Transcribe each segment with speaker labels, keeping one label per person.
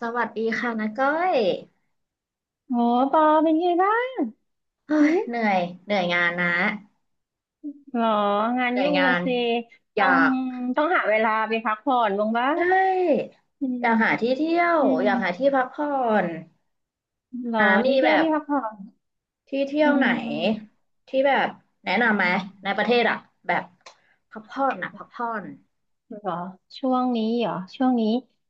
Speaker 1: สวัสดีค่ะนะก้อย
Speaker 2: โหปอเป็นไงบ้าง
Speaker 1: เฮ้
Speaker 2: หื
Speaker 1: ย
Speaker 2: ม
Speaker 1: เหนื่อย เหนื่อยงานนะ
Speaker 2: หรอ งาน
Speaker 1: เหนื่อย
Speaker 2: ยุ่ง
Speaker 1: งา
Speaker 2: อะ
Speaker 1: น
Speaker 2: สิ
Speaker 1: อ
Speaker 2: ต้
Speaker 1: ยา
Speaker 2: อง
Speaker 1: ก
Speaker 2: หาเวลาไปพักผ่อนบ้างบ้า
Speaker 1: เอ้ย
Speaker 2: อื
Speaker 1: อ
Speaker 2: ม
Speaker 1: ยากหาที่เที่ยว
Speaker 2: อืม
Speaker 1: อยากหาที่พักผ่อน
Speaker 2: หรอ
Speaker 1: นะมี
Speaker 2: ที่เที่
Speaker 1: แบ
Speaker 2: ยว
Speaker 1: บ
Speaker 2: ที่พักผ่อน
Speaker 1: ที่เที่ย
Speaker 2: อื
Speaker 1: วไหน
Speaker 2: ม
Speaker 1: ที่แบบแนะนำ
Speaker 2: อื
Speaker 1: ไหมในประ
Speaker 2: ม
Speaker 1: เทศอะแบบพักผ่อนนะพักผ่อน
Speaker 2: หรอช่วงนี้เหรอช่วงนี้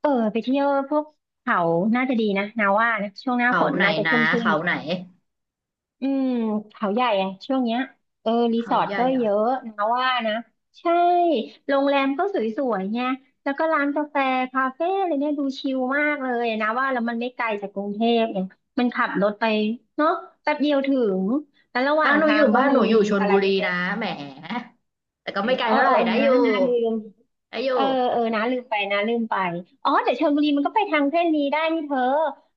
Speaker 2: เออไปเที่ยวพวกเขาน่าจะดีนะนาว่านะช่วงหน้า
Speaker 1: เขา
Speaker 2: ฝน
Speaker 1: ไหน
Speaker 2: น่าจะ
Speaker 1: นะ
Speaker 2: ชุ่มชื่น
Speaker 1: เขา
Speaker 2: ดี
Speaker 1: ไหน
Speaker 2: อืมเขาใหญ่อะช่วงเนี้ยเออรีส
Speaker 1: เขา
Speaker 2: อร์ท
Speaker 1: ใหญ่
Speaker 2: ก็
Speaker 1: เหร
Speaker 2: เย
Speaker 1: อ
Speaker 2: อะนะว่านะใช่โรงแรมก็สวยๆไงแล้วก็ร้านกาแฟคาเฟ่อะไรเนี่ยดูชิลมากเลยนะว่าแล้วมันไม่ไกลจากกรุงเทพเนี่ยมันขับรถไปเนาะแป๊บเดียวถึงแล้วระหว่า
Speaker 1: บ้า
Speaker 2: ง
Speaker 1: นหนู
Speaker 2: ทา
Speaker 1: อ
Speaker 2: ง
Speaker 1: ยู่
Speaker 2: ก็
Speaker 1: บ้าน
Speaker 2: มี
Speaker 1: หนูอยู่ชล
Speaker 2: อะไร
Speaker 1: บุรี
Speaker 2: เย
Speaker 1: นะ
Speaker 2: อะ
Speaker 1: แหมแต่ก็
Speaker 2: เออ
Speaker 1: ไม่ไกล
Speaker 2: เออ
Speaker 1: เท่าไหร่
Speaker 2: เออ
Speaker 1: ได้
Speaker 2: นะ
Speaker 1: อยู่
Speaker 2: นะลืม
Speaker 1: ได้อ
Speaker 2: เอ
Speaker 1: ยู่
Speaker 2: อเออนะลืมไปอ๋อแต่ชลบุรีมันก็ไปทางเส้นนี้ได้นี่เธอ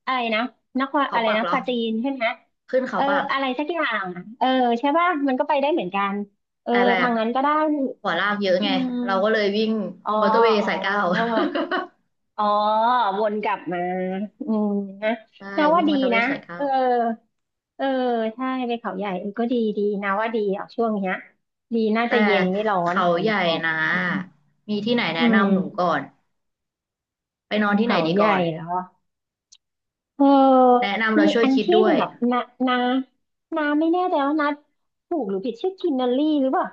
Speaker 2: อะไรนะนคร
Speaker 1: เขา
Speaker 2: อะไร
Speaker 1: ปัก
Speaker 2: นะ
Speaker 1: เหร
Speaker 2: ป
Speaker 1: อ
Speaker 2: ราจีนใช่ไหม
Speaker 1: ขึ้นเขา
Speaker 2: เออ
Speaker 1: ปัก
Speaker 2: อะไรสักอย่างอะเออใช่ป่ะมันก็ไปได้เหมือนกันเออ
Speaker 1: แต่แบ
Speaker 2: ทา
Speaker 1: บ
Speaker 2: งนั้นก็ได้
Speaker 1: ขววลากเยอะ
Speaker 2: อื
Speaker 1: ไงเราก็เล
Speaker 2: ม
Speaker 1: ยวิ่ง
Speaker 2: อ๋อ
Speaker 1: มอเตอร์เวย์
Speaker 2: อ๋
Speaker 1: สายเก้า
Speaker 2: ออ๋อวนกลับมาอืมนะ
Speaker 1: ใช่
Speaker 2: นาว่า
Speaker 1: วิ่งม
Speaker 2: ดี
Speaker 1: อเตอร์เว
Speaker 2: นะ
Speaker 1: ย์สายเก้า
Speaker 2: เออเออใช่ไปเขาใหญ่เออก็ดีดีนาว่าดีอ่ะช่วงเนี้ยดีน่า
Speaker 1: แต่
Speaker 2: จะเย็นไม่ร้อน
Speaker 1: เขา
Speaker 2: ฝ
Speaker 1: ให
Speaker 2: น
Speaker 1: ญ่
Speaker 2: ตก
Speaker 1: นะมีที่ไหนแนะ
Speaker 2: อื
Speaker 1: นำหนู
Speaker 2: ม
Speaker 1: ก่อนไปนอนที่ไหน
Speaker 2: เขา
Speaker 1: ดี
Speaker 2: ให
Speaker 1: ก่
Speaker 2: ญ่
Speaker 1: อน
Speaker 2: เหรอเออ
Speaker 1: แนะนำเรา
Speaker 2: มี
Speaker 1: ช่วย
Speaker 2: อัน
Speaker 1: คิด
Speaker 2: ที่
Speaker 1: ด้
Speaker 2: ห
Speaker 1: ว
Speaker 2: นึ่
Speaker 1: ย
Speaker 2: งอนานา นาไม่แน่ใจว่านาถูกหรือผิดชื่อกินนอรี่หรือเปล่า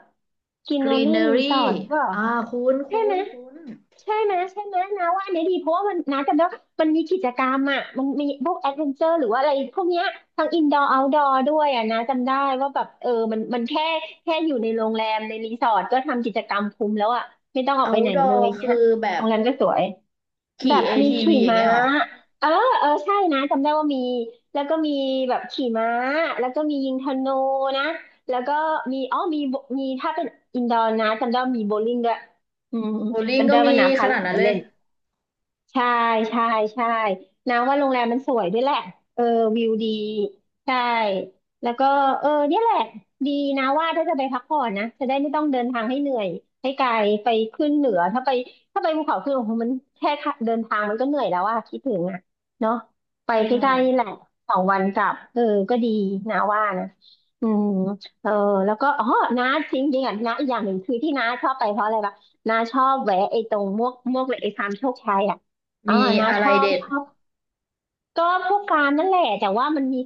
Speaker 2: กินนอรี่รีส
Speaker 1: Greenery
Speaker 2: อร์ทหรือเปล่า
Speaker 1: อ่าคุ้น
Speaker 2: ใช่ไห
Speaker 1: คุ้
Speaker 2: ม
Speaker 1: นคุ้น
Speaker 2: ใช่ไหมนาว่าอันนี้ดีเพราะว่ามันนาจำได้ว่ามันมีกิจกรรมอ่ะมันมีพวกแอดเวนเจอร์หรือว่าอะไรพวกเนี้ยทั้งอินดอร์เอาท์ดอร์ด้วยอ่ะนาจำได้ว่าแบบเออมันแค่อยู่ในโรงแรมในรีสอร์ทก็ทำกิจกรรมคุ้มแล้วอ่ะไม่ต้องออกไปไหนเล
Speaker 1: Outdoor
Speaker 2: ย
Speaker 1: คื
Speaker 2: เงี้
Speaker 1: อ
Speaker 2: ย
Speaker 1: แบ
Speaker 2: โร
Speaker 1: บ
Speaker 2: งแรมก็สวย แบ
Speaker 1: ขี่
Speaker 2: บมี
Speaker 1: ATV อที
Speaker 2: ขี่
Speaker 1: วีอย่าง
Speaker 2: ม้า
Speaker 1: เงี้ยเหรอ
Speaker 2: เออเออใช่นะจำได้ว่ามี แล้วก็มีแบบขี่ม้าแล้วก็มียิงธนูนะแล้วก็มีอ๋อมีถ้าเป็นอินดอร์นะจำได้ว่ามีโบว์ลิ่งด้วยอืม
Speaker 1: โบลิ่ง
Speaker 2: จำ
Speaker 1: ก็
Speaker 2: ได้
Speaker 1: มี
Speaker 2: ว่าน้า
Speaker 1: ข
Speaker 2: พาห
Speaker 1: นา
Speaker 2: ลา
Speaker 1: ด
Speaker 2: น
Speaker 1: นั้
Speaker 2: ไป
Speaker 1: นเล
Speaker 2: เล่
Speaker 1: ย
Speaker 2: น ใช่ใช่ใช่นะว่าโรงแรมมันสวยด้วยแหละเออวิวดีใช่แล้วก็เออเนี่ยแหละดีนะว่าถ้าจะไปพักผ่อนนะจะได้ไม่ต้องเดินทางให้เหนื่อยให้ไกลไปขึ้นเหนือถ้าไปภูเขาขึ้นโอ้โหมันแค่เดินทางมันก็เหนื่อยแล้วอะคิดถึงอะเนาะไป
Speaker 1: ใช
Speaker 2: ใกล้ๆนี่
Speaker 1: ่
Speaker 2: แหละสองวันกลับเออก็ดีนะว่านะอืมเออแล้วก็อ๋อนะจริงๆอ่ะนะอีกอย่างหนึ่งคือที่น้าชอบไปเพราะอะไรปะน้าชอบแวะไอ้ตรงมวกเหล็กไอ้ฟาร์มโชคชัยอ่ะ อ่า
Speaker 1: มี
Speaker 2: นะ
Speaker 1: อะ
Speaker 2: ช
Speaker 1: ไร
Speaker 2: อบ
Speaker 1: เด็ด
Speaker 2: ชอบก็พวกการนั่นแหละแต่ว่ามันมี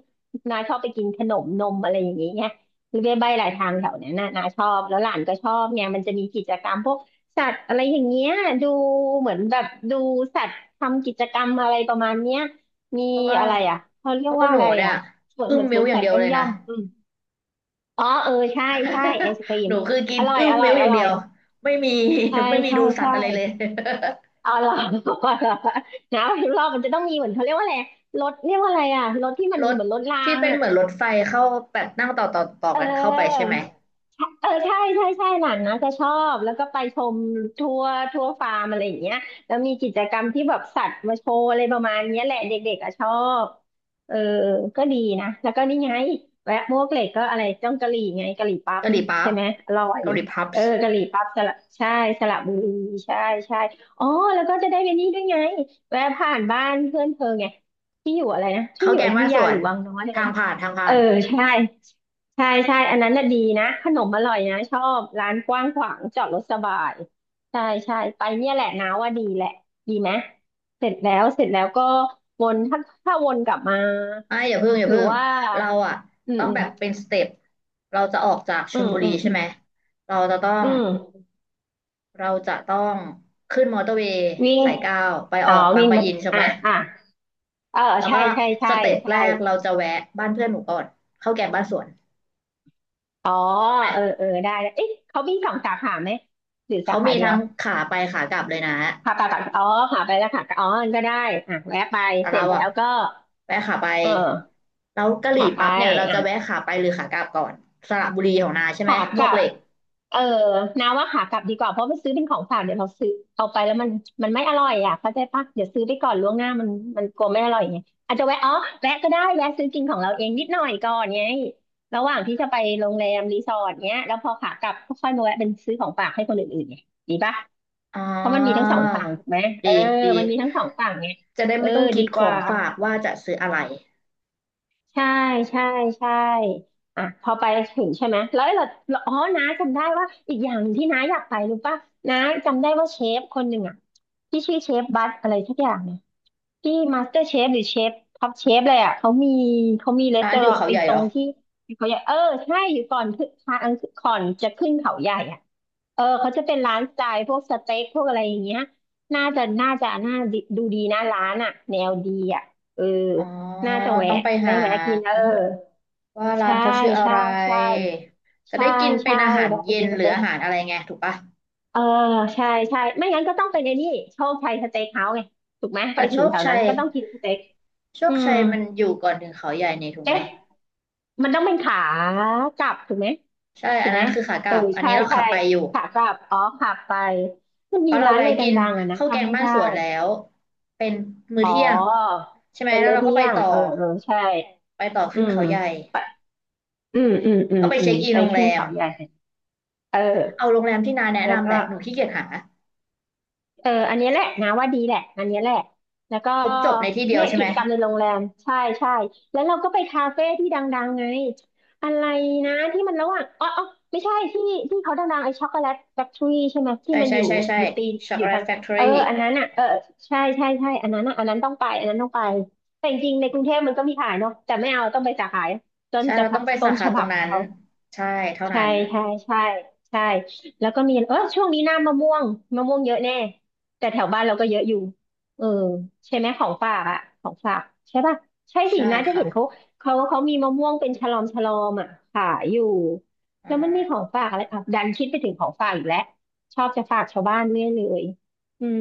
Speaker 2: นาชอบไปกินขนมนมอะไรอย่างเงี้ยหรือไปใบหลายทางแถวเนี้ยนะนาชอบแล้วหลานก็ชอบเนี่ยมันจะมีกิจกรรมพวกสัตว์อะไรอย่างเงี้ยดูเหมือนแบบดูสัตว์ทำกิจกรรมอะไรประมาณเนี้ยมี
Speaker 1: เพราะว่า
Speaker 2: อะไรอ่ะเขาเรี
Speaker 1: เพ
Speaker 2: ยก
Speaker 1: ราะว่า
Speaker 2: ว่า
Speaker 1: ห
Speaker 2: อะ
Speaker 1: นู
Speaker 2: ไร
Speaker 1: เนี่ย
Speaker 2: อ่ะสวน
Speaker 1: อึ้
Speaker 2: เห
Speaker 1: ง
Speaker 2: มือนส
Speaker 1: มิ้
Speaker 2: ว
Speaker 1: ว
Speaker 2: น
Speaker 1: อย่า
Speaker 2: สั
Speaker 1: ง
Speaker 2: ต
Speaker 1: เดี
Speaker 2: ว์
Speaker 1: ยว
Speaker 2: ย่อม
Speaker 1: เลย
Speaker 2: ย่อ
Speaker 1: นะ
Speaker 2: มอืมอ๋อเออใช่ใช่ไอศกรี
Speaker 1: ห
Speaker 2: ม
Speaker 1: นูคือกิ
Speaker 2: อ
Speaker 1: น
Speaker 2: ร่อย
Speaker 1: อึ้ม
Speaker 2: อร่อ
Speaker 1: มิ้
Speaker 2: ย
Speaker 1: วอ
Speaker 2: อ
Speaker 1: ย่าง
Speaker 2: ร่
Speaker 1: เดี
Speaker 2: อ
Speaker 1: ย
Speaker 2: ย
Speaker 1: วไม่มี
Speaker 2: ใช่
Speaker 1: ไม่มี
Speaker 2: ใช่
Speaker 1: ดูสัต
Speaker 2: ใช่
Speaker 1: ว์อะไรเลย
Speaker 2: เอาเหรอ เอาเหรอนะพิมพ์รอบมันจะต้องมีเหมือนเขาเรียกว่าอะไร รถเรียกว่าอะไรอ่ะ รถที่มัน
Speaker 1: ร
Speaker 2: เห
Speaker 1: ถ
Speaker 2: มือนรถรา
Speaker 1: ที่
Speaker 2: ง
Speaker 1: เป็น
Speaker 2: อ่ะ
Speaker 1: เหมือนรถไฟเข้าแบบนั่งต่อต่อต่อ
Speaker 2: เออ
Speaker 1: กันเข้าไปใช่ไหม
Speaker 2: เออใช่ใช่ใช่หลานนะจะชอบแล้วก็ไปชมทัวร์ฟาร์มอะไรอย่างเงี้ยแล้วมีกิจกรรมที่แบบสัตว์มาโชว์อะไรประมาณเนี้ยแหละเด็กๆอะชอบเออก็ดีนะแล้วก็นี่ไงแวะมวกเหล็กก็อะไรจ้องกะหรี่ไงกะหรี่ปั๊บ
Speaker 1: เกาห
Speaker 2: นี่
Speaker 1: ลีปั๊
Speaker 2: ใช่
Speaker 1: บ
Speaker 2: ไหมอร่อย
Speaker 1: เกาหลีพับ
Speaker 2: เออกะหรี่ปั๊บสระใช่สระบุรีใช่ใช่อ๋อแล้วก็จะได้ไปนี่ด้วยไงแวะผ่านบ้านเพื่อนเธอไงที่อยู่อะไรนะที่
Speaker 1: เข้า
Speaker 2: อ
Speaker 1: ว
Speaker 2: ยู่
Speaker 1: แก
Speaker 2: อ
Speaker 1: ง
Speaker 2: ยุธ
Speaker 1: บ้านส
Speaker 2: ยา
Speaker 1: ว
Speaker 2: หรื
Speaker 1: น
Speaker 2: อวังน้อยอะไร
Speaker 1: ทาง
Speaker 2: นะ
Speaker 1: ผ่านทาง
Speaker 2: เอ
Speaker 1: ผ่า
Speaker 2: อ
Speaker 1: น
Speaker 2: ใช่ ใช่ใช่อันนั้นน่ะดีนะขนมอร่อยนะชอบร้านกว้างขวางจอดรถสบายใช่ใช่ไปเนี่ยแหละนะว่าดีแหละดีไหมเสร็จแล้วก็วนถ้าวนกลับมา
Speaker 1: อ่ะอย่าเพิ่งอย่า
Speaker 2: หรื
Speaker 1: เพิ่
Speaker 2: อ
Speaker 1: ง
Speaker 2: ว่า
Speaker 1: เราอ่ะ
Speaker 2: อืม
Speaker 1: ต้อง
Speaker 2: อืม
Speaker 1: แบบเป็นสเต็ปเราจะออกจากช
Speaker 2: อื
Speaker 1: ล
Speaker 2: ม
Speaker 1: บุ
Speaker 2: อื
Speaker 1: รี
Speaker 2: ม
Speaker 1: ใช่
Speaker 2: อืม
Speaker 1: ไหมเราจะต้อง
Speaker 2: อืม
Speaker 1: เราจะต้องขึ้นมอเตอร์เวย์
Speaker 2: วิ่ง
Speaker 1: สายเก้าไปอ
Speaker 2: อ๋อ
Speaker 1: อกบาง
Speaker 2: วิ่ง
Speaker 1: ปะ
Speaker 2: มา
Speaker 1: อินใช่
Speaker 2: อ่ะ
Speaker 1: ไหม
Speaker 2: เออ
Speaker 1: แล้ว
Speaker 2: ใช่
Speaker 1: ก็
Speaker 2: ใช่
Speaker 1: ส
Speaker 2: ใช่
Speaker 1: เต็ปแร
Speaker 2: ใช่
Speaker 1: กเราจะแวะบ้านเพื่อนหนูก่อนข้าวแกงบ้านสวน
Speaker 2: อ๋อ
Speaker 1: ถูกไหม
Speaker 2: เออเออได้ได้เอ๊ะเขามีสองสาขาไหมหรือสา
Speaker 1: เขา
Speaker 2: ขา
Speaker 1: มี
Speaker 2: เดีย
Speaker 1: ทั้
Speaker 2: ว
Speaker 1: งขาไปขากลับเลยนะ
Speaker 2: ขาไปากัอ๋อขาไปแล้วค่ะอ๋อก็ได้อ่ะแวะไป
Speaker 1: แต่
Speaker 2: เสร็
Speaker 1: เรา
Speaker 2: จแล้
Speaker 1: อะ
Speaker 2: วก็
Speaker 1: แวะขาไป
Speaker 2: เออ
Speaker 1: แล้วกะหรี่
Speaker 2: ขาไป
Speaker 1: ปั๊บเนี่ยเราจะแวะ
Speaker 2: อ่ะ
Speaker 1: ขาไปหรือขากลับก่อนสระบุรีของนาใช่ไหม
Speaker 2: ขา
Speaker 1: ม
Speaker 2: ก
Speaker 1: ว
Speaker 2: ลั
Speaker 1: กเห
Speaker 2: บ
Speaker 1: ล็ก
Speaker 2: เออนาว่าขากลับดีกว่าเพราะไปซื้อเป็นของฝากเดี๋ยวเราซื้อเอาไปแล้วมันไม่อร่อยอ่ะเข้าใจปะเดี๋ยวซื้อไปก่อนล่วงหน้ามันกลัวไม่อร่อยไงอาจจะแวะอ๋อแวะก็ได้แวะซื้อกินของเราเองนิดหน่อยก่อนไงระหว่างที่จะไปโรงแรมรีสอร์ทเนี้ยแล้วพอขากลับก็ค่อยมาแวะเป็นซื้อของฝากให้คนอื่นๆไงดีปะ
Speaker 1: อ๋อ
Speaker 2: เพราะมันมีทั้งสองฝั่งถูกไหมเออ
Speaker 1: ดีดี
Speaker 2: มันมีทั้งสองฝั่งไง
Speaker 1: จะได้
Speaker 2: เออ
Speaker 1: ไม่ต้องคิ
Speaker 2: ดี
Speaker 1: ด
Speaker 2: ก
Speaker 1: ขอ
Speaker 2: ว่า
Speaker 1: งฝากว่าจะซื้ออะไร
Speaker 2: ใช่ใช่ใช่อ่ะพอไปถึงใช่ไหมแล้วเราอ๋อน้าจำได้ว่าอีกอย่างที่น้าอยากไปรู้ป่ะน้าจำได้ว่าเชฟคนหนึ่งอ่ะที่ชื่อเชฟบัตอะไรสักอย่างเนี่ยที่มาสเตอร์เชฟหรือเชฟท็อปเชฟเลยอ่ะเขามีเขามีรี
Speaker 1: ร้า
Speaker 2: ส
Speaker 1: น
Speaker 2: อ
Speaker 1: อยู่
Speaker 2: ร์ท
Speaker 1: เขา
Speaker 2: ไอ้
Speaker 1: ใหญ่
Speaker 2: ตร
Speaker 1: เหรอ
Speaker 2: งที่เขาอยากเออใช่อยู่ก่อนขึ้นทางก่อนจะขึ้นเขาใหญ่อ่ะ เออเขาจะเป็นร้านสไตล์พวกสเต็กพวกอะไรอย่างเงี้ยน่าดูดีนะร้านอ่ะแนวดีอ่ะเออ
Speaker 1: อ๋อ
Speaker 2: น่าจะ
Speaker 1: ต้อง
Speaker 2: แวะ
Speaker 1: ไป
Speaker 2: ได้
Speaker 1: หา
Speaker 2: แวะกินเออ
Speaker 1: ว่าร้า
Speaker 2: ใช่
Speaker 1: นเขาชื่ออะ
Speaker 2: ใช่
Speaker 1: ไร
Speaker 2: ใช่
Speaker 1: จะ
Speaker 2: ใช่
Speaker 1: ได้กินเป็
Speaker 2: ใช่
Speaker 1: นอาหาร
Speaker 2: แวะไป
Speaker 1: เย็
Speaker 2: กิ
Speaker 1: น
Speaker 2: นส
Speaker 1: หรือ
Speaker 2: เต็ก
Speaker 1: อาหารอะไรไงถูกปะ
Speaker 2: เออใช่ใช่ไม่งั้นก็ต้องเป็นไอ้นี่โชคชัยสเต็กเฮาส์ไงถูกไหมไป
Speaker 1: แต่
Speaker 2: ถึ
Speaker 1: โช
Speaker 2: ง
Speaker 1: ค
Speaker 2: แถวนั้
Speaker 1: ชั
Speaker 2: น
Speaker 1: ย
Speaker 2: ก็ต้องกินสเต็ก
Speaker 1: โช
Speaker 2: อื
Speaker 1: ค
Speaker 2: ม
Speaker 1: ชัยมันอยู่ก่อนถึงเขาใหญ่นี่ถูกไหม
Speaker 2: เอ๊ะมันต้องเป็นขากลับถูกไหม
Speaker 1: ใช่
Speaker 2: ถู
Speaker 1: อัน
Speaker 2: กไห
Speaker 1: นั้
Speaker 2: ม
Speaker 1: นคือขาก
Speaker 2: เอ
Speaker 1: ลั
Speaker 2: อ
Speaker 1: บอัน
Speaker 2: ใช่
Speaker 1: นี้เรา
Speaker 2: ใช่
Speaker 1: ขับไปอยู่
Speaker 2: ขากลับอ๋อขับไปมัน
Speaker 1: เพ
Speaker 2: มี
Speaker 1: ราะเรา
Speaker 2: ร้านอะ
Speaker 1: แวะ
Speaker 2: ไร
Speaker 1: กิน
Speaker 2: ดังๆอะนะ
Speaker 1: ข้าวแก
Speaker 2: จำ
Speaker 1: ง
Speaker 2: ไม่
Speaker 1: บ้าน
Speaker 2: ได้
Speaker 1: สวนแล้วเป็นมื้อ
Speaker 2: อ๋อ
Speaker 1: เที่ยงใช่ไหม
Speaker 2: เป็น
Speaker 1: แล้ว
Speaker 2: มื้อ
Speaker 1: เราก็
Speaker 2: เที่
Speaker 1: ไป
Speaker 2: ยง
Speaker 1: ต่อ
Speaker 2: เออเออใช่
Speaker 1: ไปต่อ
Speaker 2: อื
Speaker 1: ขึ้น
Speaker 2: ม
Speaker 1: เขาใหญ่
Speaker 2: ไปอืมอืมอืม
Speaker 1: ก็ไป
Speaker 2: อื
Speaker 1: เช็
Speaker 2: ม
Speaker 1: คอิน
Speaker 2: ไป
Speaker 1: โรงแร
Speaker 2: ขึ้น
Speaker 1: ม
Speaker 2: เขาใหญ่เอ
Speaker 1: เอา
Speaker 2: อ
Speaker 1: โรงแรมที่นาแนะ
Speaker 2: แล้ว
Speaker 1: นำแห
Speaker 2: ก็
Speaker 1: ละหนูขี้เกียจหา
Speaker 2: เอออันนี้แหละนะว่าดีแหละอันนี้แหละแล้วก็
Speaker 1: ครบจบในที่เดียว
Speaker 2: เนี่ย
Speaker 1: ใช่
Speaker 2: กิ
Speaker 1: ไหม
Speaker 2: จกรรมในโรงแรมใช่ใช่แล้วเราก็ไปคาเฟ่ที่ดังๆไงอะไรนะที่มันระหว่างอ๋ออ๋อไม่ใช่ที่เขาดังๆไอ้ช็อกโกแลตแฟคทรีใช่ไหมที่
Speaker 1: ใช่
Speaker 2: มัน
Speaker 1: ใช่
Speaker 2: อยู่
Speaker 1: ใช่ใช่
Speaker 2: อยู่ตีน
Speaker 1: ช็อก
Speaker 2: อ
Speaker 1: โก
Speaker 2: ยู่
Speaker 1: แล
Speaker 2: ทา
Speaker 1: ต
Speaker 2: ง
Speaker 1: แฟคทอ
Speaker 2: เอ
Speaker 1: รี่
Speaker 2: ออันนั้นอ่ะเออใช่ใช่ใช่อันนั้นอ่ะอันนั้นต้องไปอันนั้นต้องไปแต่จริงๆในกรุงเทพมันก็มีขายเนาะแต่ไม่เอาต้องไปสาขายต้น
Speaker 1: ใช่
Speaker 2: จะ
Speaker 1: เราต้องไป
Speaker 2: ต้
Speaker 1: สา
Speaker 2: นฉ
Speaker 1: ขาต
Speaker 2: บั
Speaker 1: ร
Speaker 2: บ
Speaker 1: ง
Speaker 2: ขอ
Speaker 1: นั้
Speaker 2: ง
Speaker 1: น
Speaker 2: เขา
Speaker 1: ใช่เท่า
Speaker 2: ใช่
Speaker 1: นั้น
Speaker 2: ใช่ใช่ใช่แล้วก็มีเออช่วงนี้หน้ามะม่วงมะม่วงเยอะแน่แต่แถวบ้านเราก็เยอะอยู่เออใช่ไหมของฝากอ่ะของฝากใช่ป่ะใช่สิ
Speaker 1: ใช่
Speaker 2: นะจะ
Speaker 1: ค่ะ
Speaker 2: เห็นเขาเขามีมะม่วงเป็นฉลอมฉลอมอ่ะขายอยู่
Speaker 1: อื
Speaker 2: แล้วมันมีของ
Speaker 1: ม
Speaker 2: ฝากอะไรอ่ะดันคิดไปถึงของฝากอีกแล้วชอบจะฝากชาวบ้านเรื่อยเลยอืม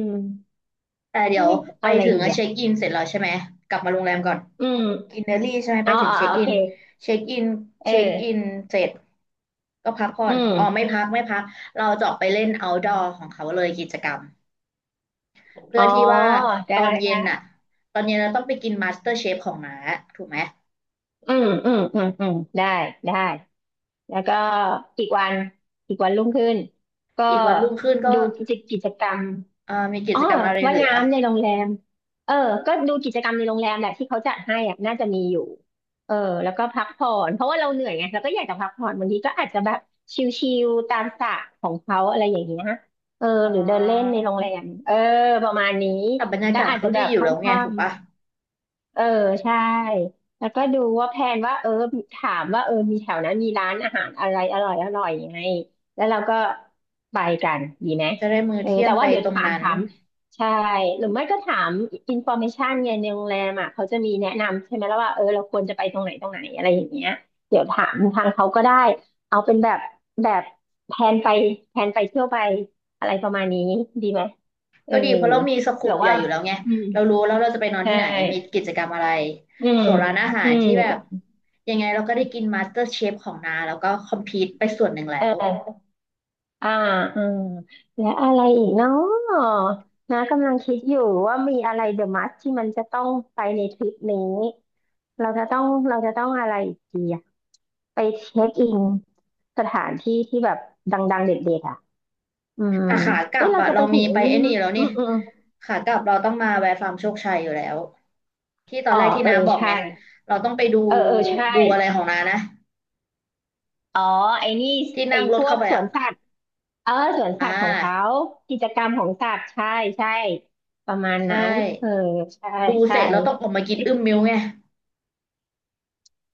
Speaker 1: แต่เดี๋ยว
Speaker 2: เอ๊ะ
Speaker 1: ไป
Speaker 2: เอาอะไร
Speaker 1: ถึง
Speaker 2: ดี
Speaker 1: อะ
Speaker 2: อ่ะ
Speaker 1: เช็คอินเสร็จแล้วใช่ไหมกลับมาโรงแรมก่อน
Speaker 2: อืม
Speaker 1: กินเนอรี่ใช่ไหมไป
Speaker 2: เอา
Speaker 1: ถึงเช็ค
Speaker 2: โอ
Speaker 1: อิ
Speaker 2: เค
Speaker 1: นเช็คอิน
Speaker 2: เอ
Speaker 1: เช็คอิน
Speaker 2: อ
Speaker 1: เสร็จก็พักผ่อ
Speaker 2: อื
Speaker 1: นอ๋อไม่
Speaker 2: ม
Speaker 1: พักไม่พักเราจะออกไปเล่น outdoor ของเขาเลยกิจกรรมเพื่
Speaker 2: อ๋
Speaker 1: อ
Speaker 2: อ
Speaker 1: ที่ว่า
Speaker 2: ได้
Speaker 1: ตอนเย็
Speaker 2: ได้
Speaker 1: นน่ะตอนเย็นเราต้องไปกิน Master Chef ของน้าถูกไหม
Speaker 2: อืมอืมอืมอืมได้ได้ แล้วก็อีกวันอีกวันรุ่งขึ้นก็
Speaker 1: อีกวันรุ่งขึ้นก็
Speaker 2: ดูกิจกรรม
Speaker 1: มีกิ
Speaker 2: อ๋อ
Speaker 1: จกรรมอะไร
Speaker 2: ว่า
Speaker 1: เห
Speaker 2: ย
Speaker 1: ลือ
Speaker 2: น้ำในโรงแรมเออก็ดูกิจกรรมในโรงแรมแหละที่เขาจัดให้อ่ะน่าจะมีอยู่เออแล้วก็พักผ่อนเพราะว่าเราเหนื่อยไงเราก็อยากจะพักผ่อนบางทีก็อาจจะแบบชิลๆตามสระของเขาอะไรอย่างเงี้ยเออ
Speaker 1: อ๋
Speaker 2: หรือเดินเล่นใน
Speaker 1: อ
Speaker 2: โรงแรมเออประมาณนี้
Speaker 1: แต่บรรยา
Speaker 2: แล้ว
Speaker 1: กาศ
Speaker 2: อาจ
Speaker 1: เขา
Speaker 2: จะแบ
Speaker 1: ดี
Speaker 2: บ
Speaker 1: อ
Speaker 2: ค
Speaker 1: ยู่แล้วไง
Speaker 2: ่
Speaker 1: ถูกปะ
Speaker 2: ำ เออใช่แล้วก็ดูว่าแพลนว่าเออถามว่าเออมีแถวนั้นมีร้านอาหารอะไรอร่อยอร่อยยังไงแล้วเราก็ไปกันดีไหม
Speaker 1: จะได้มื้อ
Speaker 2: เออ
Speaker 1: เที่ย
Speaker 2: แต่
Speaker 1: งไป
Speaker 2: ว่าเดี๋ยว
Speaker 1: ตรง
Speaker 2: ถาม
Speaker 1: นั้น
Speaker 2: ถามใช่หรือไม่ก็ถามอินฟอร์เมชันเนี่ยในโรงแรมอ่ะเขาจะมีแนะนำใช่ไหมแล้วว่าเออเราควรจะไปตรงไหนตรงไหนอะไรอย่างเงี้ยเดี๋ยวถามทางเขาก็ได้เอาเป็นแบบแบบแพลนไปแพลนไปเที่ยวไปอะไรประมาณนี้ดีไหมเออ
Speaker 1: ก็ดีเพราะเรามีสโค
Speaker 2: เผื่อ
Speaker 1: ปใหญ่
Speaker 2: ว่า
Speaker 1: อยู่แล้วไง
Speaker 2: อืม
Speaker 1: เรารู้แล้วเราจะไปนอน
Speaker 2: ใช่
Speaker 1: ที่ไหน มีกิจกรรมอะไร
Speaker 2: อืม
Speaker 1: ส่วนร้านอาหา
Speaker 2: อื
Speaker 1: ร
Speaker 2: ม
Speaker 1: ที่แบบยังไงเราก็ได้กินมาสเตอร์เชฟของนาแล้วก็คอมพีตไปส่วนหนึ่ง
Speaker 2: เ
Speaker 1: แล้ว
Speaker 2: อออ่าอืม แล้วอะไรอีกเนาะนะกำลังคิดอยู่ว่ามีอะไรเดอะมัสที่มันจะต้องไปในทริปนี้ เราจะต้อง เราจะต้องอะไรอีกดีอะไปเช็คอินสถานที่ที่แบบดังๆเด็ดๆอ่ะอืม
Speaker 1: แต่ขากลั
Speaker 2: เอ๊ะ
Speaker 1: บ
Speaker 2: เรา
Speaker 1: อะ
Speaker 2: จะ
Speaker 1: เรา
Speaker 2: ไปถึ
Speaker 1: มี
Speaker 2: งไอ้
Speaker 1: ไป
Speaker 2: นี่
Speaker 1: ไอ้นี่
Speaker 2: มั้ย
Speaker 1: แล้ว
Speaker 2: อื
Speaker 1: นี่
Speaker 2: มอืมอม
Speaker 1: ขากลับเราต้องมาแวะฟาร์มโชคชัยอยู่แล้วที่ตอน
Speaker 2: อ๋
Speaker 1: แร
Speaker 2: อ
Speaker 1: กที่
Speaker 2: เออ
Speaker 1: น้าบอก
Speaker 2: ใช่
Speaker 1: ไงเราต้องไปดู
Speaker 2: เออ เออ ใช่
Speaker 1: ดูอะไรของนานะ
Speaker 2: อ๋อไอ้นี่
Speaker 1: ที่
Speaker 2: ไอ้
Speaker 1: นั่งร
Speaker 2: พ
Speaker 1: ถ
Speaker 2: ว
Speaker 1: เข้า
Speaker 2: ก
Speaker 1: ไป
Speaker 2: สว
Speaker 1: อะ
Speaker 2: นสัตว์เออสวนสั
Speaker 1: อ่า
Speaker 2: ตว์ของเขากิจกรรมของสัตว์ใช่ใช่ประมาณ
Speaker 1: ใช่
Speaker 2: นั้นเออใช่
Speaker 1: ดูเส
Speaker 2: ใช่
Speaker 1: ร็จเราต้องออกมากินอึ้มมิ้วไง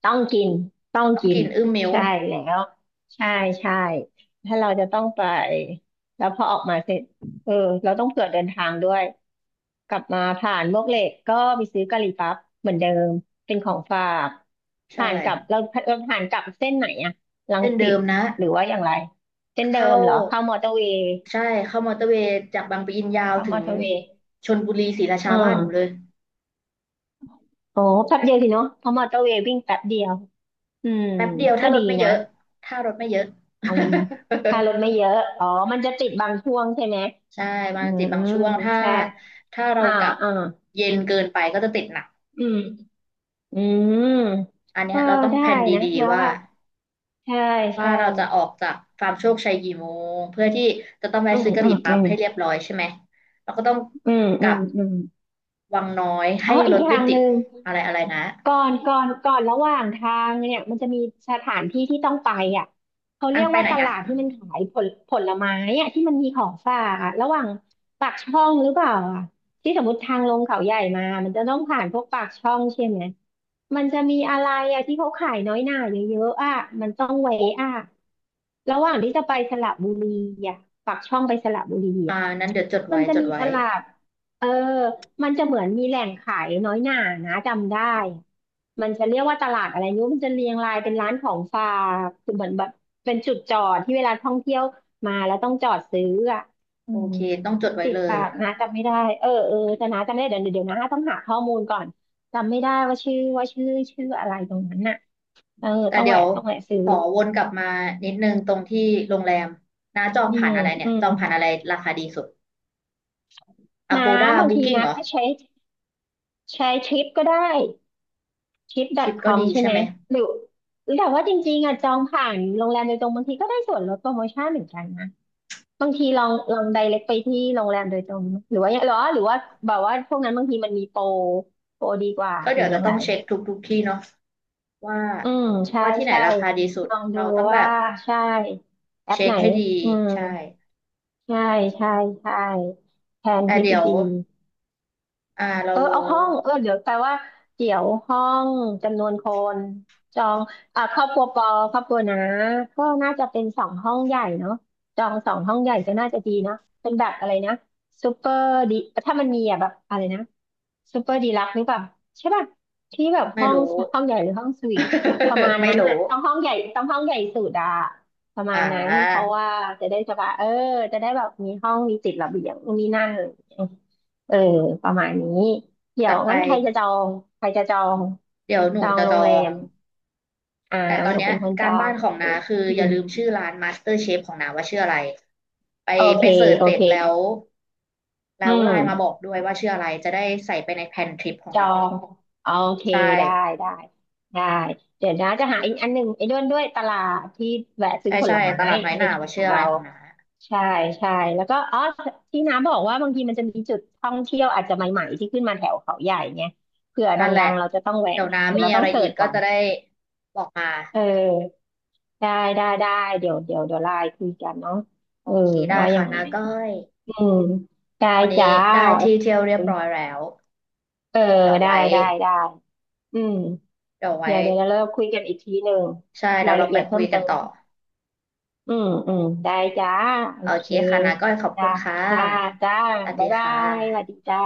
Speaker 2: ต้องกินต้อง
Speaker 1: ต้อง
Speaker 2: กิน
Speaker 1: กินอึ้มมิ้ว
Speaker 2: ใช่แล้วใช่ใช่ถ้าเราจะต้องไปแล้วพอออกมาเสร็จเออเราต้องเผื่อเดินทางด้วยกลับมาผ่านมวกเหล็กก็ไปซื้อกะหรี่ปั๊บเหมือนเดิมเป็นของฝาก
Speaker 1: ใช่
Speaker 2: ผ่านกลับเราผ่านกลับเส้นไหนอะรัง
Speaker 1: เส้นเดิ
Speaker 2: สิต
Speaker 1: มนะ
Speaker 2: หรือว่าอย่างไรเส้นเดิ
Speaker 1: เข้า
Speaker 2: มเหรอเข้ามอเตอร์เวย์
Speaker 1: ใช่เข้ามอเตอร์เวย์จากบางปะอินยาว
Speaker 2: เข้า
Speaker 1: ถึ
Speaker 2: มอ
Speaker 1: ง
Speaker 2: เตอร์เวย์
Speaker 1: ชลบุรีศรีรา
Speaker 2: อื
Speaker 1: ชาบ้านหนูเล
Speaker 2: ม
Speaker 1: ย
Speaker 2: โอ้แป๊บเดียวสิเนาะเพราะมอเตอร์เวย์วิ่งแป๊บเดียวอืม
Speaker 1: แป๊บเดียว
Speaker 2: ก็
Speaker 1: ถ้าร
Speaker 2: ดี
Speaker 1: ถไม่เย
Speaker 2: นะ
Speaker 1: อะถ้ารถไม่เยอะ
Speaker 2: อืมถ้ารถไม่ เยอะอ๋อมันจะติดบางช่วงใช่ไหม
Speaker 1: ใช่บา
Speaker 2: อื
Speaker 1: งจิตบาง
Speaker 2: ม
Speaker 1: ช่วงถ้า
Speaker 2: ใช่
Speaker 1: ถ้าเรา
Speaker 2: อ่า
Speaker 1: กลับ
Speaker 2: อ่า
Speaker 1: เย็นเกินไปก็จะติดหนัก
Speaker 2: อืมอืม
Speaker 1: อันเนี้
Speaker 2: ก็
Speaker 1: ยเราต้อง
Speaker 2: ได้
Speaker 1: แพลน
Speaker 2: นะ
Speaker 1: ดี
Speaker 2: แล้ว
Speaker 1: ๆว่า
Speaker 2: ว่าใช่
Speaker 1: ว่า
Speaker 2: ใช่
Speaker 1: เราจะออกจากฟาร์มโชคชัยกี่โมงเพื่อที่จะต้องแวะ
Speaker 2: อืม
Speaker 1: ซื้อกะห
Speaker 2: อื
Speaker 1: รี่
Speaker 2: มอื
Speaker 1: ปั๊บ
Speaker 2: ม
Speaker 1: ให้เรียบร้อยใช่ไหมเราก็ต้อง
Speaker 2: อืม
Speaker 1: ก
Speaker 2: อื
Speaker 1: ลั
Speaker 2: ม
Speaker 1: บ
Speaker 2: อืม
Speaker 1: วังน้อย
Speaker 2: อ๋
Speaker 1: ให้
Speaker 2: ออี
Speaker 1: ร
Speaker 2: ก
Speaker 1: ถ
Speaker 2: อ
Speaker 1: ไม่
Speaker 2: ย่าง
Speaker 1: ติ
Speaker 2: ห
Speaker 1: ด
Speaker 2: นึ่ง
Speaker 1: อะไรอะไรนะ
Speaker 2: ก่อนระหว่างทางเนี่ยมันจะมีสถานที่ที่ต้องไปอ่ะเขา
Speaker 1: อั
Speaker 2: เรี
Speaker 1: น
Speaker 2: ยก
Speaker 1: ไป
Speaker 2: ว่า
Speaker 1: ไหน
Speaker 2: ต
Speaker 1: อ่ะ
Speaker 2: ลาดที่มันขายผลไม้อ่ะที่มันมีของฝากอ่ะระหว่างปากช่องหรือเปล่าอ่ะที่สมมติทางลงเขาใหญ่มามันจะต้องผ่านพวกปากช่องใช่ไหมมันจะมีอะไรอ่ะที่เขาขายน้อยหน่าเยอะๆอ่ะมันต้องเวะอ่ะระหว่างที่จะไปสระบุรีอ่ะปากช่องไปสระบุรี
Speaker 1: อ่า
Speaker 2: อ่ะ
Speaker 1: นั้นเดี๋ยวจด
Speaker 2: มั
Speaker 1: ไว้
Speaker 2: นจะ
Speaker 1: จด
Speaker 2: มี
Speaker 1: ไว้
Speaker 2: ตลาดเออมันจะเหมือนมีแหล่งขายน้อยหน่านะจำได้มันจะเรียกว่าตลาดอะไรไม่รู้มันจะเรียงรายเป็นร้านของฝากคือเหมือนแบบเป็นจุดจอดที่เวลาท่องเที่ยวมาแล้วต้องจอดซื้ออ่ะอื
Speaker 1: โอ
Speaker 2: ม
Speaker 1: เคต้องจดไว้
Speaker 2: ติด
Speaker 1: เลย
Speaker 2: ปากนะจำไม่ได้เออเออแต่นะจำไม่ได้เดี๋ยวนะต้องหาข้อมูลก่อนจำไม่ได้ว่าชื่ออะไรตรงนั้นน่ะเออ
Speaker 1: แต่เดี๋ยว
Speaker 2: ต้องแวะซื้อ
Speaker 1: ขอวนกลับมานิดนึงตรงที่โรงแรมนะจอง
Speaker 2: อื
Speaker 1: ผ่า
Speaker 2: ม
Speaker 1: นอะไรเนี่ย
Speaker 2: อืม
Speaker 1: จองผ่านอะไรราคาดีสุด
Speaker 2: นะ
Speaker 1: Agoda
Speaker 2: บางที
Speaker 1: Booking
Speaker 2: นะ
Speaker 1: เหรอ
Speaker 2: ก็ใช้ทริปก็ได้
Speaker 1: ทริปก็
Speaker 2: trip.com
Speaker 1: ดี
Speaker 2: ใช่
Speaker 1: ใช่
Speaker 2: ไหม
Speaker 1: ไหม
Speaker 2: หรือหรือแต่ว่าจริงๆอ่ะจองผ่านโรงแรมโดยตรงบางทีก็ได้ส่วนลดโปรโมชั่นเหมือนกันนะบางทีลอง direct ไปที่โรงแรมโดยตรงหรือว่าแบบว่าพวกนั้นบางทีมันมีโปรดีกว่า
Speaker 1: ก็
Speaker 2: หรื
Speaker 1: เดี๋
Speaker 2: อ
Speaker 1: ยว
Speaker 2: ยั
Speaker 1: จะ
Speaker 2: ง
Speaker 1: ต้
Speaker 2: ไร
Speaker 1: องเช็คทุกทุกที่เนาะว่า
Speaker 2: อืมใช่
Speaker 1: ว่าที่ไหน
Speaker 2: ใช่
Speaker 1: ราคาดีสุด
Speaker 2: ลองดู
Speaker 1: เราต้องแบ
Speaker 2: ว่า
Speaker 1: บ
Speaker 2: ใช่แอป
Speaker 1: เช็
Speaker 2: ไห
Speaker 1: ค
Speaker 2: น
Speaker 1: ให้ดี
Speaker 2: อืม
Speaker 1: ใช่
Speaker 2: ใช่ใช่ใช่แทน
Speaker 1: แต่
Speaker 2: ทริป
Speaker 1: เดี๋ยว
Speaker 2: ดีๆ
Speaker 1: อ่าเรา
Speaker 2: เออ
Speaker 1: รู้
Speaker 2: เอาห้องเออเดี๋ยวแปลว่าเกี่ยวห้องจำนวนคนจองอ่าครอบครัวนะก็น่าจะเป็นสองห้องใหญ่เนาะจองสองห้องใหญ่ก็น่าจะดีนะเป็นแบบอะไรนะซูเปอร์ดีถ้ามันมีอ่ะแบบอะไรนะซูเปอร์ดีลักซ์หรือเปล่าใช่ป่ะที่แบบ
Speaker 1: ไม่รู้
Speaker 2: ห้องใหญ่หรือห้องสวีทประมาณ
Speaker 1: ไม่
Speaker 2: นั้นอ่ะ
Speaker 1: รู้
Speaker 2: ต้องห้องใหญ่สุดอะประมา
Speaker 1: อ่
Speaker 2: ณนั้นเพ
Speaker 1: า
Speaker 2: ราะว่าจะได้สบายเออจะได้แบบมีห้องมีติดระเบียงนี่นั่น เออประมาณนี้เดี๋ย
Speaker 1: จั
Speaker 2: ว
Speaker 1: ดไป
Speaker 2: งั้นใครจะจองใครจะจอง
Speaker 1: เดี๋ยวห
Speaker 2: จ
Speaker 1: นู
Speaker 2: อง
Speaker 1: จะ
Speaker 2: โร
Speaker 1: จอ
Speaker 2: งแร
Speaker 1: ง
Speaker 2: มอ่า
Speaker 1: แต่ตอ
Speaker 2: ห
Speaker 1: น
Speaker 2: นู
Speaker 1: เนี้ย
Speaker 2: เป็นคน
Speaker 1: กา
Speaker 2: จ
Speaker 1: ร
Speaker 2: อ
Speaker 1: บ้า
Speaker 2: ง
Speaker 1: นข
Speaker 2: โอ
Speaker 1: อง
Speaker 2: เค
Speaker 1: นาคือ
Speaker 2: อื
Speaker 1: อย่า
Speaker 2: ม
Speaker 1: ลืมชื่อร้าน Master Chef ของนาว่าชื่ออะไรไป
Speaker 2: โอ
Speaker 1: ไป
Speaker 2: เค
Speaker 1: เสิร์ช
Speaker 2: โอ
Speaker 1: เสร็จ
Speaker 2: เค
Speaker 1: แล้ว
Speaker 2: อื
Speaker 1: แล้วไล
Speaker 2: ม
Speaker 1: น์มาบอกด้วยว่าชื่ออะไรจะได้ใส่ไปในแพลนทริปขอ
Speaker 2: จ
Speaker 1: ง
Speaker 2: อ
Speaker 1: เรา
Speaker 2: งโอเค
Speaker 1: ใช่
Speaker 2: ได้ได้ได้เดี๋ยวนะจะหาอีกอันหนึ่งไอ้ด้วนด้วยตลาดที่แวะซื้
Speaker 1: ใช่
Speaker 2: อผล
Speaker 1: ใช่
Speaker 2: ไม้
Speaker 1: ตลาดน้อย
Speaker 2: ใน
Speaker 1: หน่า
Speaker 2: ทริ
Speaker 1: ว่า
Speaker 2: ปข
Speaker 1: ชื่
Speaker 2: อ
Speaker 1: อ
Speaker 2: ง
Speaker 1: อะไร
Speaker 2: เรา
Speaker 1: ของนา
Speaker 2: ใช่ใช่แล้วก็อ๋อที่น้าบอกว่าบางทีมันจะมีจุดท่องเที่ยวอาจจะใหม่ๆที่ขึ้นมาแถวเขาใหญ่เนี่ยเผื่อด
Speaker 1: นั่นแห
Speaker 2: ั
Speaker 1: ละ
Speaker 2: งๆเราจะต้องแวะ
Speaker 1: เดี๋ยว
Speaker 2: เนี่ย
Speaker 1: นา
Speaker 2: เดี๋ยว
Speaker 1: มี
Speaker 2: เรา
Speaker 1: อะ
Speaker 2: ต้อ
Speaker 1: ไร
Speaker 2: งเสิ
Speaker 1: อี
Speaker 2: ร์
Speaker 1: ก
Speaker 2: ช
Speaker 1: ก็
Speaker 2: ก่อน
Speaker 1: จะได้บอกมา
Speaker 2: เออ ได้ได้ได้เดี๋ยวไลน์คุยกันเนาะ
Speaker 1: โอ
Speaker 2: เออ
Speaker 1: เคได้
Speaker 2: ว่ายั
Speaker 1: ค่ะ
Speaker 2: งไง
Speaker 1: นาก้อย
Speaker 2: อืมได้
Speaker 1: วัน
Speaker 2: จ้า
Speaker 1: นี้ได้
Speaker 2: โอ
Speaker 1: ที่เที่ยวเรี
Speaker 2: เค
Speaker 1: ยบร้อยแล้ว
Speaker 2: เออ
Speaker 1: เดี๋ยว
Speaker 2: ได้
Speaker 1: ไว้
Speaker 2: ได้ได้อืม
Speaker 1: เดี๋ยวไว้
Speaker 2: เดี๋ยวเราคุยกันอีกทีหนึ่ง
Speaker 1: ใช่เดี๋
Speaker 2: รา
Speaker 1: ย
Speaker 2: ย
Speaker 1: วเรา
Speaker 2: ละ
Speaker 1: ไป
Speaker 2: เอียด
Speaker 1: คุ
Speaker 2: เพิ่
Speaker 1: ย
Speaker 2: ม
Speaker 1: กั
Speaker 2: เติ
Speaker 1: น
Speaker 2: ม
Speaker 1: ต่อ
Speaker 2: เนอะอืมอืมได้จ้าโอ
Speaker 1: โอ
Speaker 2: เค
Speaker 1: เคค่ะนะก้อยขอบคุ
Speaker 2: จ้า
Speaker 1: ณค่
Speaker 2: จ้า
Speaker 1: ะ
Speaker 2: จ้า
Speaker 1: สวัส
Speaker 2: บ๊า
Speaker 1: ดี
Speaker 2: ยบา
Speaker 1: ค่ะ
Speaker 2: ยสวัสดีจ้า